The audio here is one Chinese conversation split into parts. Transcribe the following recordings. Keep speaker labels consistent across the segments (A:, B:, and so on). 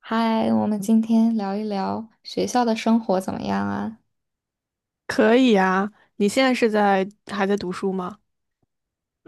A: 嗨，我们今天聊一聊学校的生活怎么样啊？
B: 可以啊，你现在还在读书吗？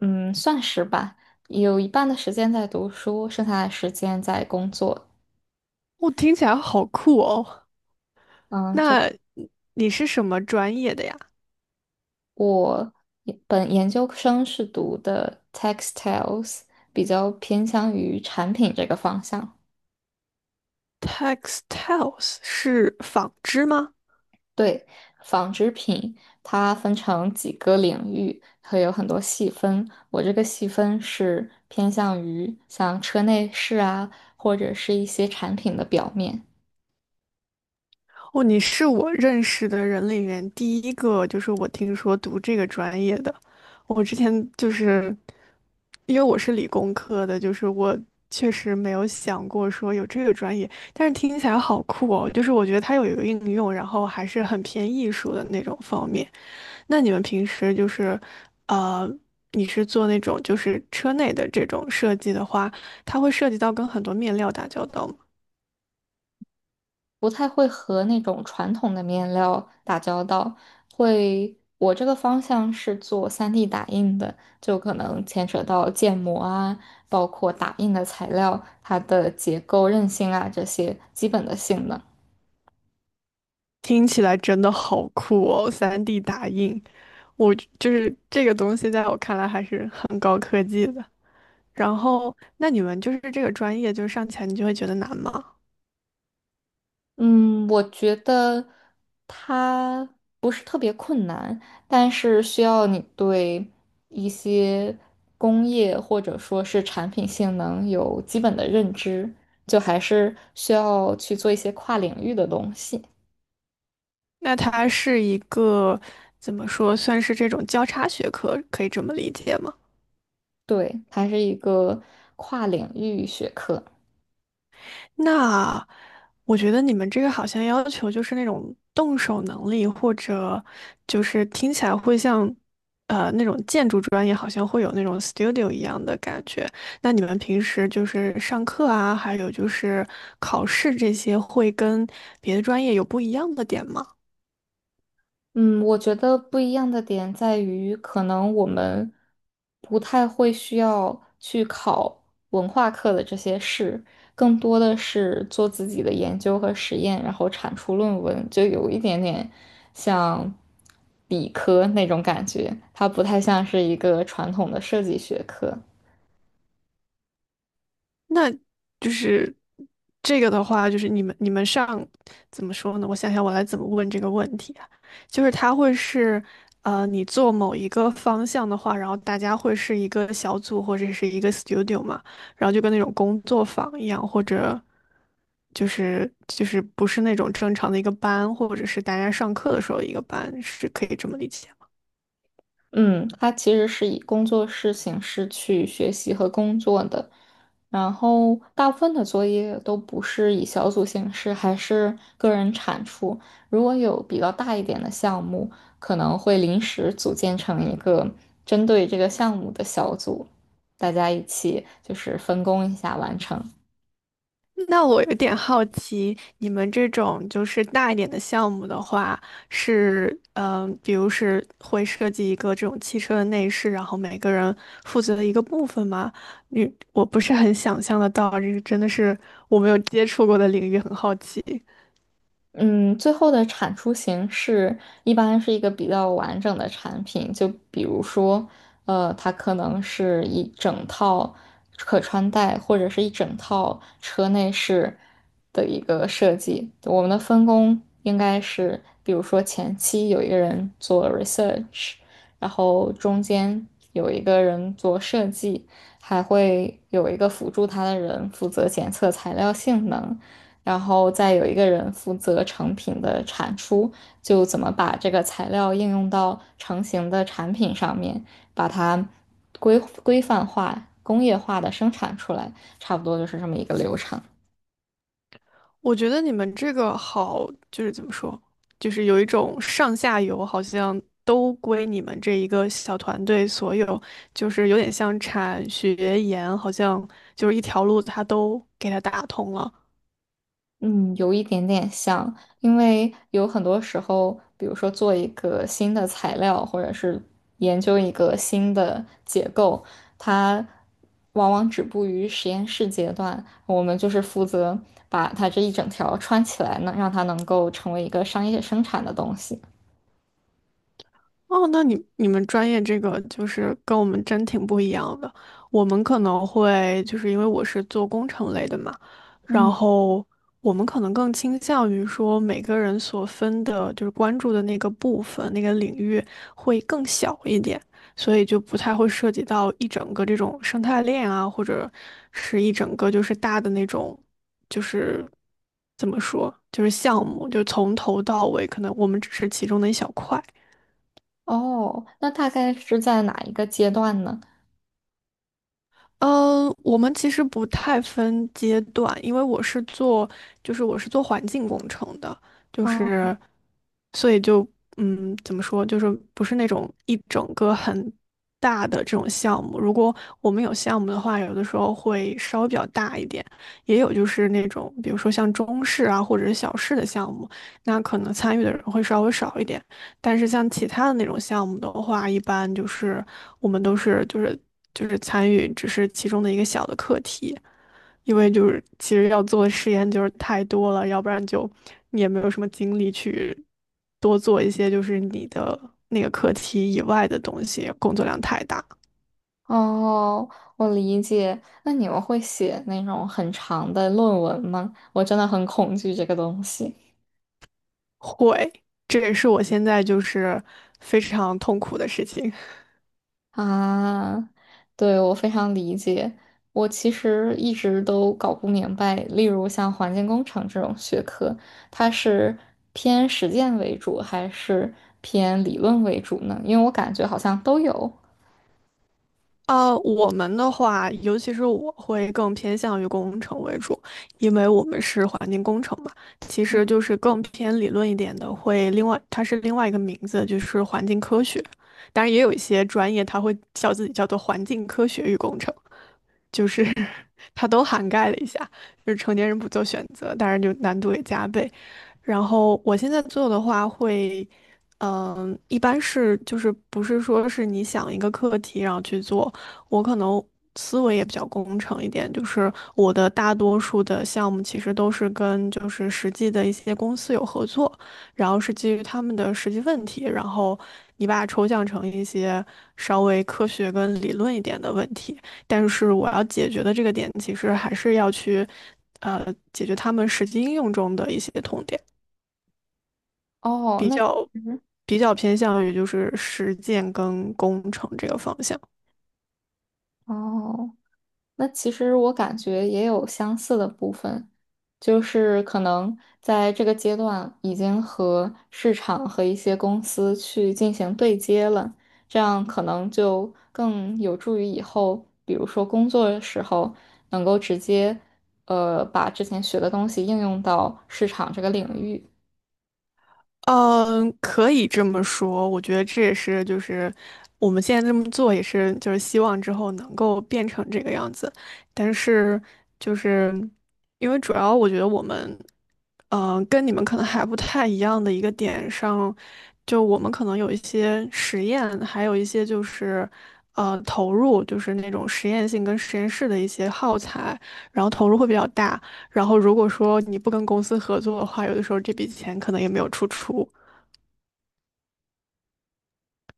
A: 嗯，算是吧，有一半的时间在读书，剩下的时间在工作。
B: 听起来好酷哦。
A: 嗯，这
B: 那你是什么专业的呀
A: 我也本研究生是读的 textiles，比较偏向于产品这个方向。
B: ？Textiles 是纺织吗？
A: 对，纺织品它分成几个领域，会有很多细分。我这个细分是偏向于像车内饰啊，或者是一些产品的表面。
B: 哦，你是我认识的人里面第一个，就是我听说读这个专业的。我之前就是因为我是理工科的，就是我确实没有想过说有这个专业，但是听起来好酷哦。就是我觉得它有一个应用，然后还是很偏艺术的那种方面。那你们平时就是，呃，你是做那种就是车内的这种设计的话，它会涉及到跟很多面料打交道吗？
A: 不太会和那种传统的面料打交道，会，我这个方向是做 3D 打印的，就可能牵扯到建模啊，包括打印的材料，它的结构韧性啊这些基本的性能。
B: 听起来真的好酷哦，3D 打印，我就是这个东西，在我看来还是很高科技的。然后，那你们就是这个专业，就是上起来你就会觉得难吗？
A: 嗯，我觉得它不是特别困难，但是需要你对一些工业或者说是产品性能有基本的认知，就还是需要去做一些跨领域的东西。
B: 那它是一个怎么说，算是这种交叉学科，可以这么理解吗？
A: 对，它是一个跨领域学科。
B: 那我觉得你们这个好像要求就是那种动手能力，或者就是听起来会像，那种建筑专业好像会有那种 studio 一样的感觉。那你们平时就是上课啊，还有就是考试这些，会跟别的专业有不一样的点吗？
A: 嗯，我觉得不一样的点在于，可能我们不太会需要去考文化课的这些事，更多的是做自己的研究和实验，然后产出论文，就有一点点像理科那种感觉，它不太像是一个传统的设计学科。
B: 那就是这个的话，就是你们你们上怎么说呢？我想想，我来怎么问这个问题啊？就是它会是，你做某一个方向的话，然后大家会是一个小组或者是一个 studio 嘛，然后就跟那种工作坊一样，或者就是不是那种正常的一个班，或者是大家上课的时候一个班，是可以这么理解。
A: 嗯，它其实是以工作室形式去学习和工作的，然后大部分的作业都不是以小组形式，还是个人产出。如果有比较大一点的项目，可能会临时组建成一个针对这个项目的小组，大家一起就是分工一下完成。
B: 那我有点好奇，你们这种就是大一点的项目的话，是比如是会设计一个这种汽车的内饰，然后每个人负责的一个部分吗？你我不是很想象得到，这个真的是我没有接触过的领域，很好奇。
A: 嗯，最后的产出形式一般是一个比较完整的产品，就比如说，它可能是一整套可穿戴或者是一整套车内饰的一个设计。我们的分工应该是，比如说前期有一个人做 research，然后中间有一个人做设计，还会有一个辅助他的人负责检测材料性能。然后再有一个人负责成品的产出，就怎么把这个材料应用到成型的产品上面，把它规规范化、工业化的生产出来，差不多就是这么一个流程。
B: 我觉得你们这个好，就是怎么说，就是有一种上下游好像都归你们这一个小团队所有，就是有点像产学研，好像就是一条路它都给它打通了。
A: 嗯，有一点点像，因为有很多时候，比如说做一个新的材料，或者是研究一个新的结构，它往往止步于实验室阶段。我们就是负责把它这一整条穿起来呢，让它能够成为一个商业生产的东西。
B: 哦，那你们专业这个就是跟我们真挺不一样的。我们可能会就是因为我是做工程类的嘛，然
A: 嗯，
B: 后我们可能更倾向于说每个人所分的就是关注的那个部分、那个领域会更小一点，所以就不太会涉及到一整个这种生态链啊，或者是一整个就是大的那种就是怎么说，就是项目，就从头到尾，可能我们只是其中的一小块。
A: 哦，那大概是在哪一个阶段呢？
B: 我们其实不太分阶段，因为我是做，就是我是做环境工程的，就
A: 啊。
B: 是，所以就，怎么说，就是不是那种一整个很大的这种项目。如果我们有项目的话，有的时候会稍微比较大一点，也有就是那种，比如说像中式啊或者是小式的项目，那可能参与的人会稍微少一点。但是像其他的那种项目的话，一般就是我们都是就是参与，只是其中的一个小的课题，因为就是其实要做的实验就是太多了，要不然就你也没有什么精力去多做一些就是你的那个课题以外的东西，工作量太大。
A: 哦，我理解。那你们会写那种很长的论文吗？我真的很恐惧这个东西
B: 会，这也是我现在就是非常痛苦的事情。
A: 啊。对，我非常理解。我其实一直都搞不明白，例如像环境工程这种学科，它是偏实践为主还是偏理论为主呢？因为我感觉好像都有。
B: 我们的话，尤其是我会更偏向于工程为主，因为我们是环境工程嘛，其实就是更偏理论一点的，会另外它是另外一个名字，就是环境科学。当然，也有一些专业它会叫自己叫做环境科学与工程，就是 它都涵盖了一下，就是成年人不做选择，当然就难度也加倍。然后我现在做的话一般是就是不是说是你想一个课题然后去做，我可能思维也比较工程一点，就是我的大多数的项目其实都是跟就是实际的一些公司有合作，然后是基于他们的实际问题，然后你把它抽象成一些稍微科学跟理论一点的问题，但是我要解决的这个点其实还是要去。呃，解决他们实际应用中的一些痛点。
A: 哦，那其实
B: 比较偏向于就是实践跟工程这个方向。
A: 哦。那其实我感觉也有相似的部分，就是可能在这个阶段已经和市场和一些公司去进行对接了，这样可能就更有助于以后，比如说工作的时候能够直接，把之前学的东西应用到市场这个领域。
B: 嗯，可以这么说，我觉得这也是就是我们现在这么做也是就是希望之后能够变成这个样子，但是就是因为主要我觉得我们，跟你们可能还不太一样的一个点上，就我们可能有一些实验，还有一些就是投入，就是那种实验性跟实验室的一些耗材，然后投入会比较大。然后如果说你不跟公司合作的话，有的时候这笔钱可能也没有出处，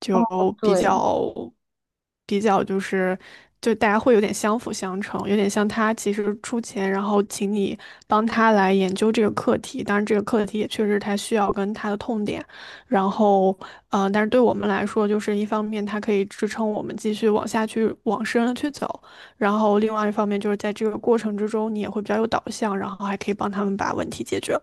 B: 就比
A: 对。
B: 较比较就大家会有点相辅相成，有点像他其实出钱，然后请你帮他来研究这个课题，当然这个课题也确实他需要跟他的痛点，然后但是对我们来说，就是一方面它可以支撑我们继续往下去往深了去走，然后另外一方面就是在这个过程之中，你也会比较有导向，然后还可以帮他们把问题解决。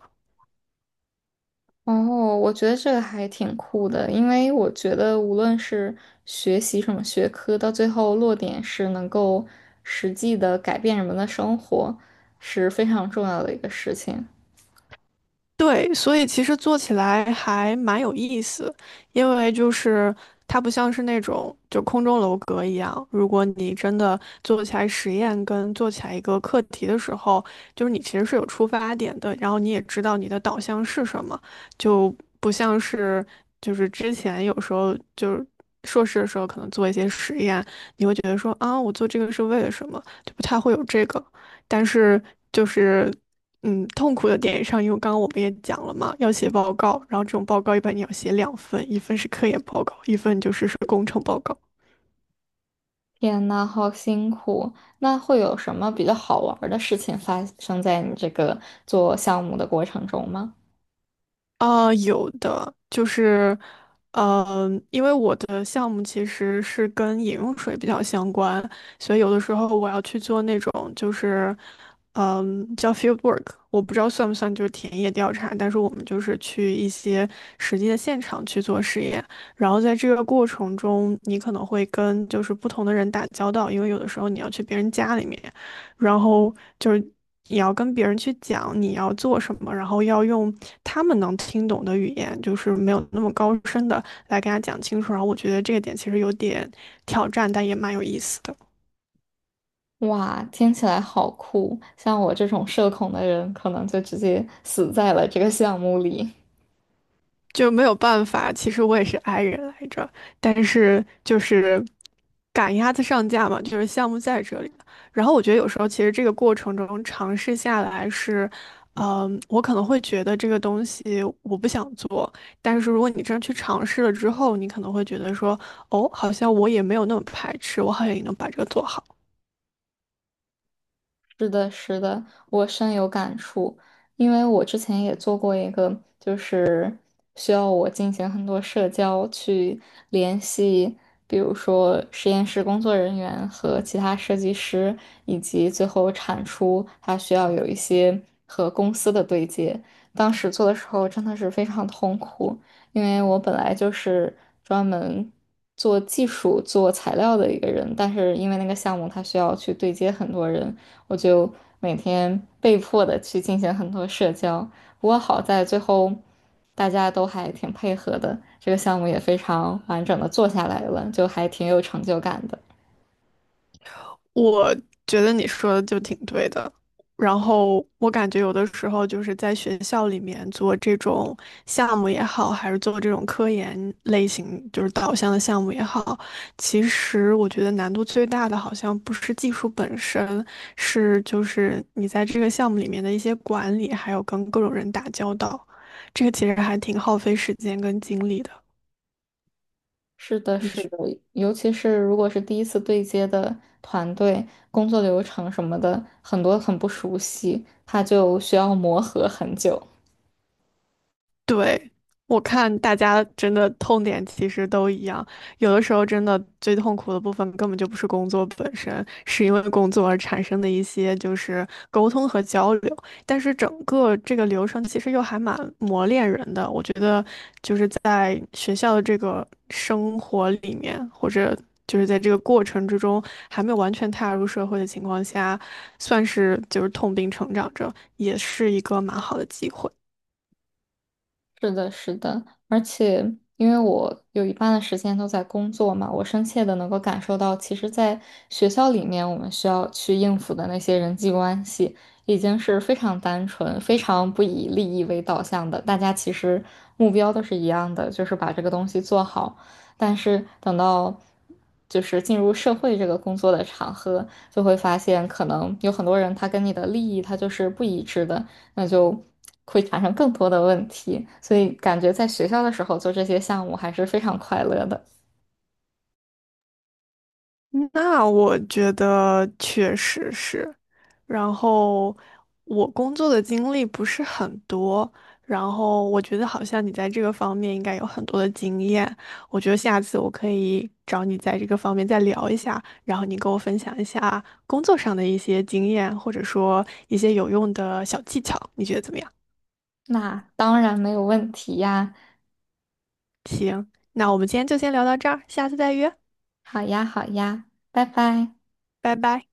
A: 哦，我觉得这个还挺酷的，因为我觉得无论是学习什么学科，到最后落点是能够实际的改变人们的生活，是非常重要的一个事情。
B: 对，所以其实做起来还蛮有意思，因为就是它不像是那种就空中楼阁一样，如果你真的做起来实验跟做起来一个课题的时候，就是你其实是有出发点的，然后你也知道你的导向是什么，就不像是就是之前有时候就是硕士的时候可能做一些实验，你会觉得说啊，我做这个是为了什么，就不太会有这个。但是就是痛苦的点上，因为刚刚我们也讲了嘛，要写报告，然后这种报告一般你要写两份，一份是科研报告，一份就是工程报告。
A: 天呐，好辛苦！那会有什么比较好玩儿的事情发生在你这个做项目的过程中吗？
B: 啊，有的就是，因为我的项目其实是跟饮用水比较相关，所以有的时候我要去做那种就是，叫 field work，我不知道算不算就是田野调查，但是我们就是去一些实际的现场去做实验，然后在这个过程中，你可能会跟就是不同的人打交道，因为有的时候你要去别人家里面，然后就是。你要跟别人去讲你要做什么，然后要用他们能听懂的语言，就是没有那么高深的来跟他讲清楚。然后我觉得这个点其实有点挑战，但也蛮有意思的。
A: 哇，听起来好酷！像我这种社恐的人，可能就直接死在了这个项目里。
B: 就没有办法。其实我也是 i 人来着，但是就是赶鸭子上架嘛，就是项目在这里。然后我觉得有时候其实这个过程中尝试下来是，我可能会觉得这个东西我不想做，但是如果你真去尝试了之后，你可能会觉得说，哦，好像我也没有那么排斥，我好像也能把这个做好。
A: 是的，是的，我深有感触，因为我之前也做过一个，需要我进行很多社交，去联系，比如说实验室工作人员和其他设计师，以及最后产出，它需要有一些和公司的对接。当时做的时候真的是非常痛苦，因为我本来就是专门做技术、做材料的一个人，但是因为那个项目它需要去对接很多人，我就每天被迫的去进行很多社交。不过好在最后大家都还挺配合的，这个项目也非常完整的做下来了，就还挺有成就感的。
B: 我觉得你说的就挺对的。然后我感觉有的时候就是在学校里面做这种项目也好，还是做这种科研类型就是导向的项目也好，其实我觉得难度最大的好像不是技术本身，是就是你在这个项目里面的一些管理，还有跟各种人打交道，这个其实还挺耗费时间跟精力的。
A: 是的，是的，尤其是如果是第一次对接的团队，工作流程什么的，很多很不熟悉，他就需要磨合很久。
B: 对，我看大家真的痛点其实都一样，有的时候真的最痛苦的部分根本就不是工作本身，是因为工作而产生的一些就是沟通和交流。但是整个这个流程其实又还蛮磨练人的，我觉得就是在学校的这个生活里面，或者就是在这个过程之中还没有完全踏入社会的情况下，算是就是痛并成长着，也是一个蛮好的机会。
A: 是的，是的，而且因为我有一半的时间都在工作嘛，我深切的能够感受到，其实，在学校里面，我们需要去应付的那些人际关系，已经是非常单纯、非常不以利益为导向的。大家其实目标都是一样的，就是把这个东西做好。但是等到进入社会这个工作的场合，就会发现，可能有很多人他跟你的利益他就是不一致的。那就会产生更多的问题。所以感觉在学校的时候做这些项目还是非常快乐的。
B: 那我觉得确实是，然后我工作的经历不是很多，然后我觉得好像你在这个方面应该有很多的经验，我觉得下次我可以找你在这个方面再聊一下，然后你跟我分享一下工作上的一些经验，或者说一些有用的小技巧，你觉得怎么样？
A: 那当然没有问题呀，
B: 行，那我们今天就先聊到这儿，下次再约，
A: 好呀好呀，拜拜。
B: 拜拜。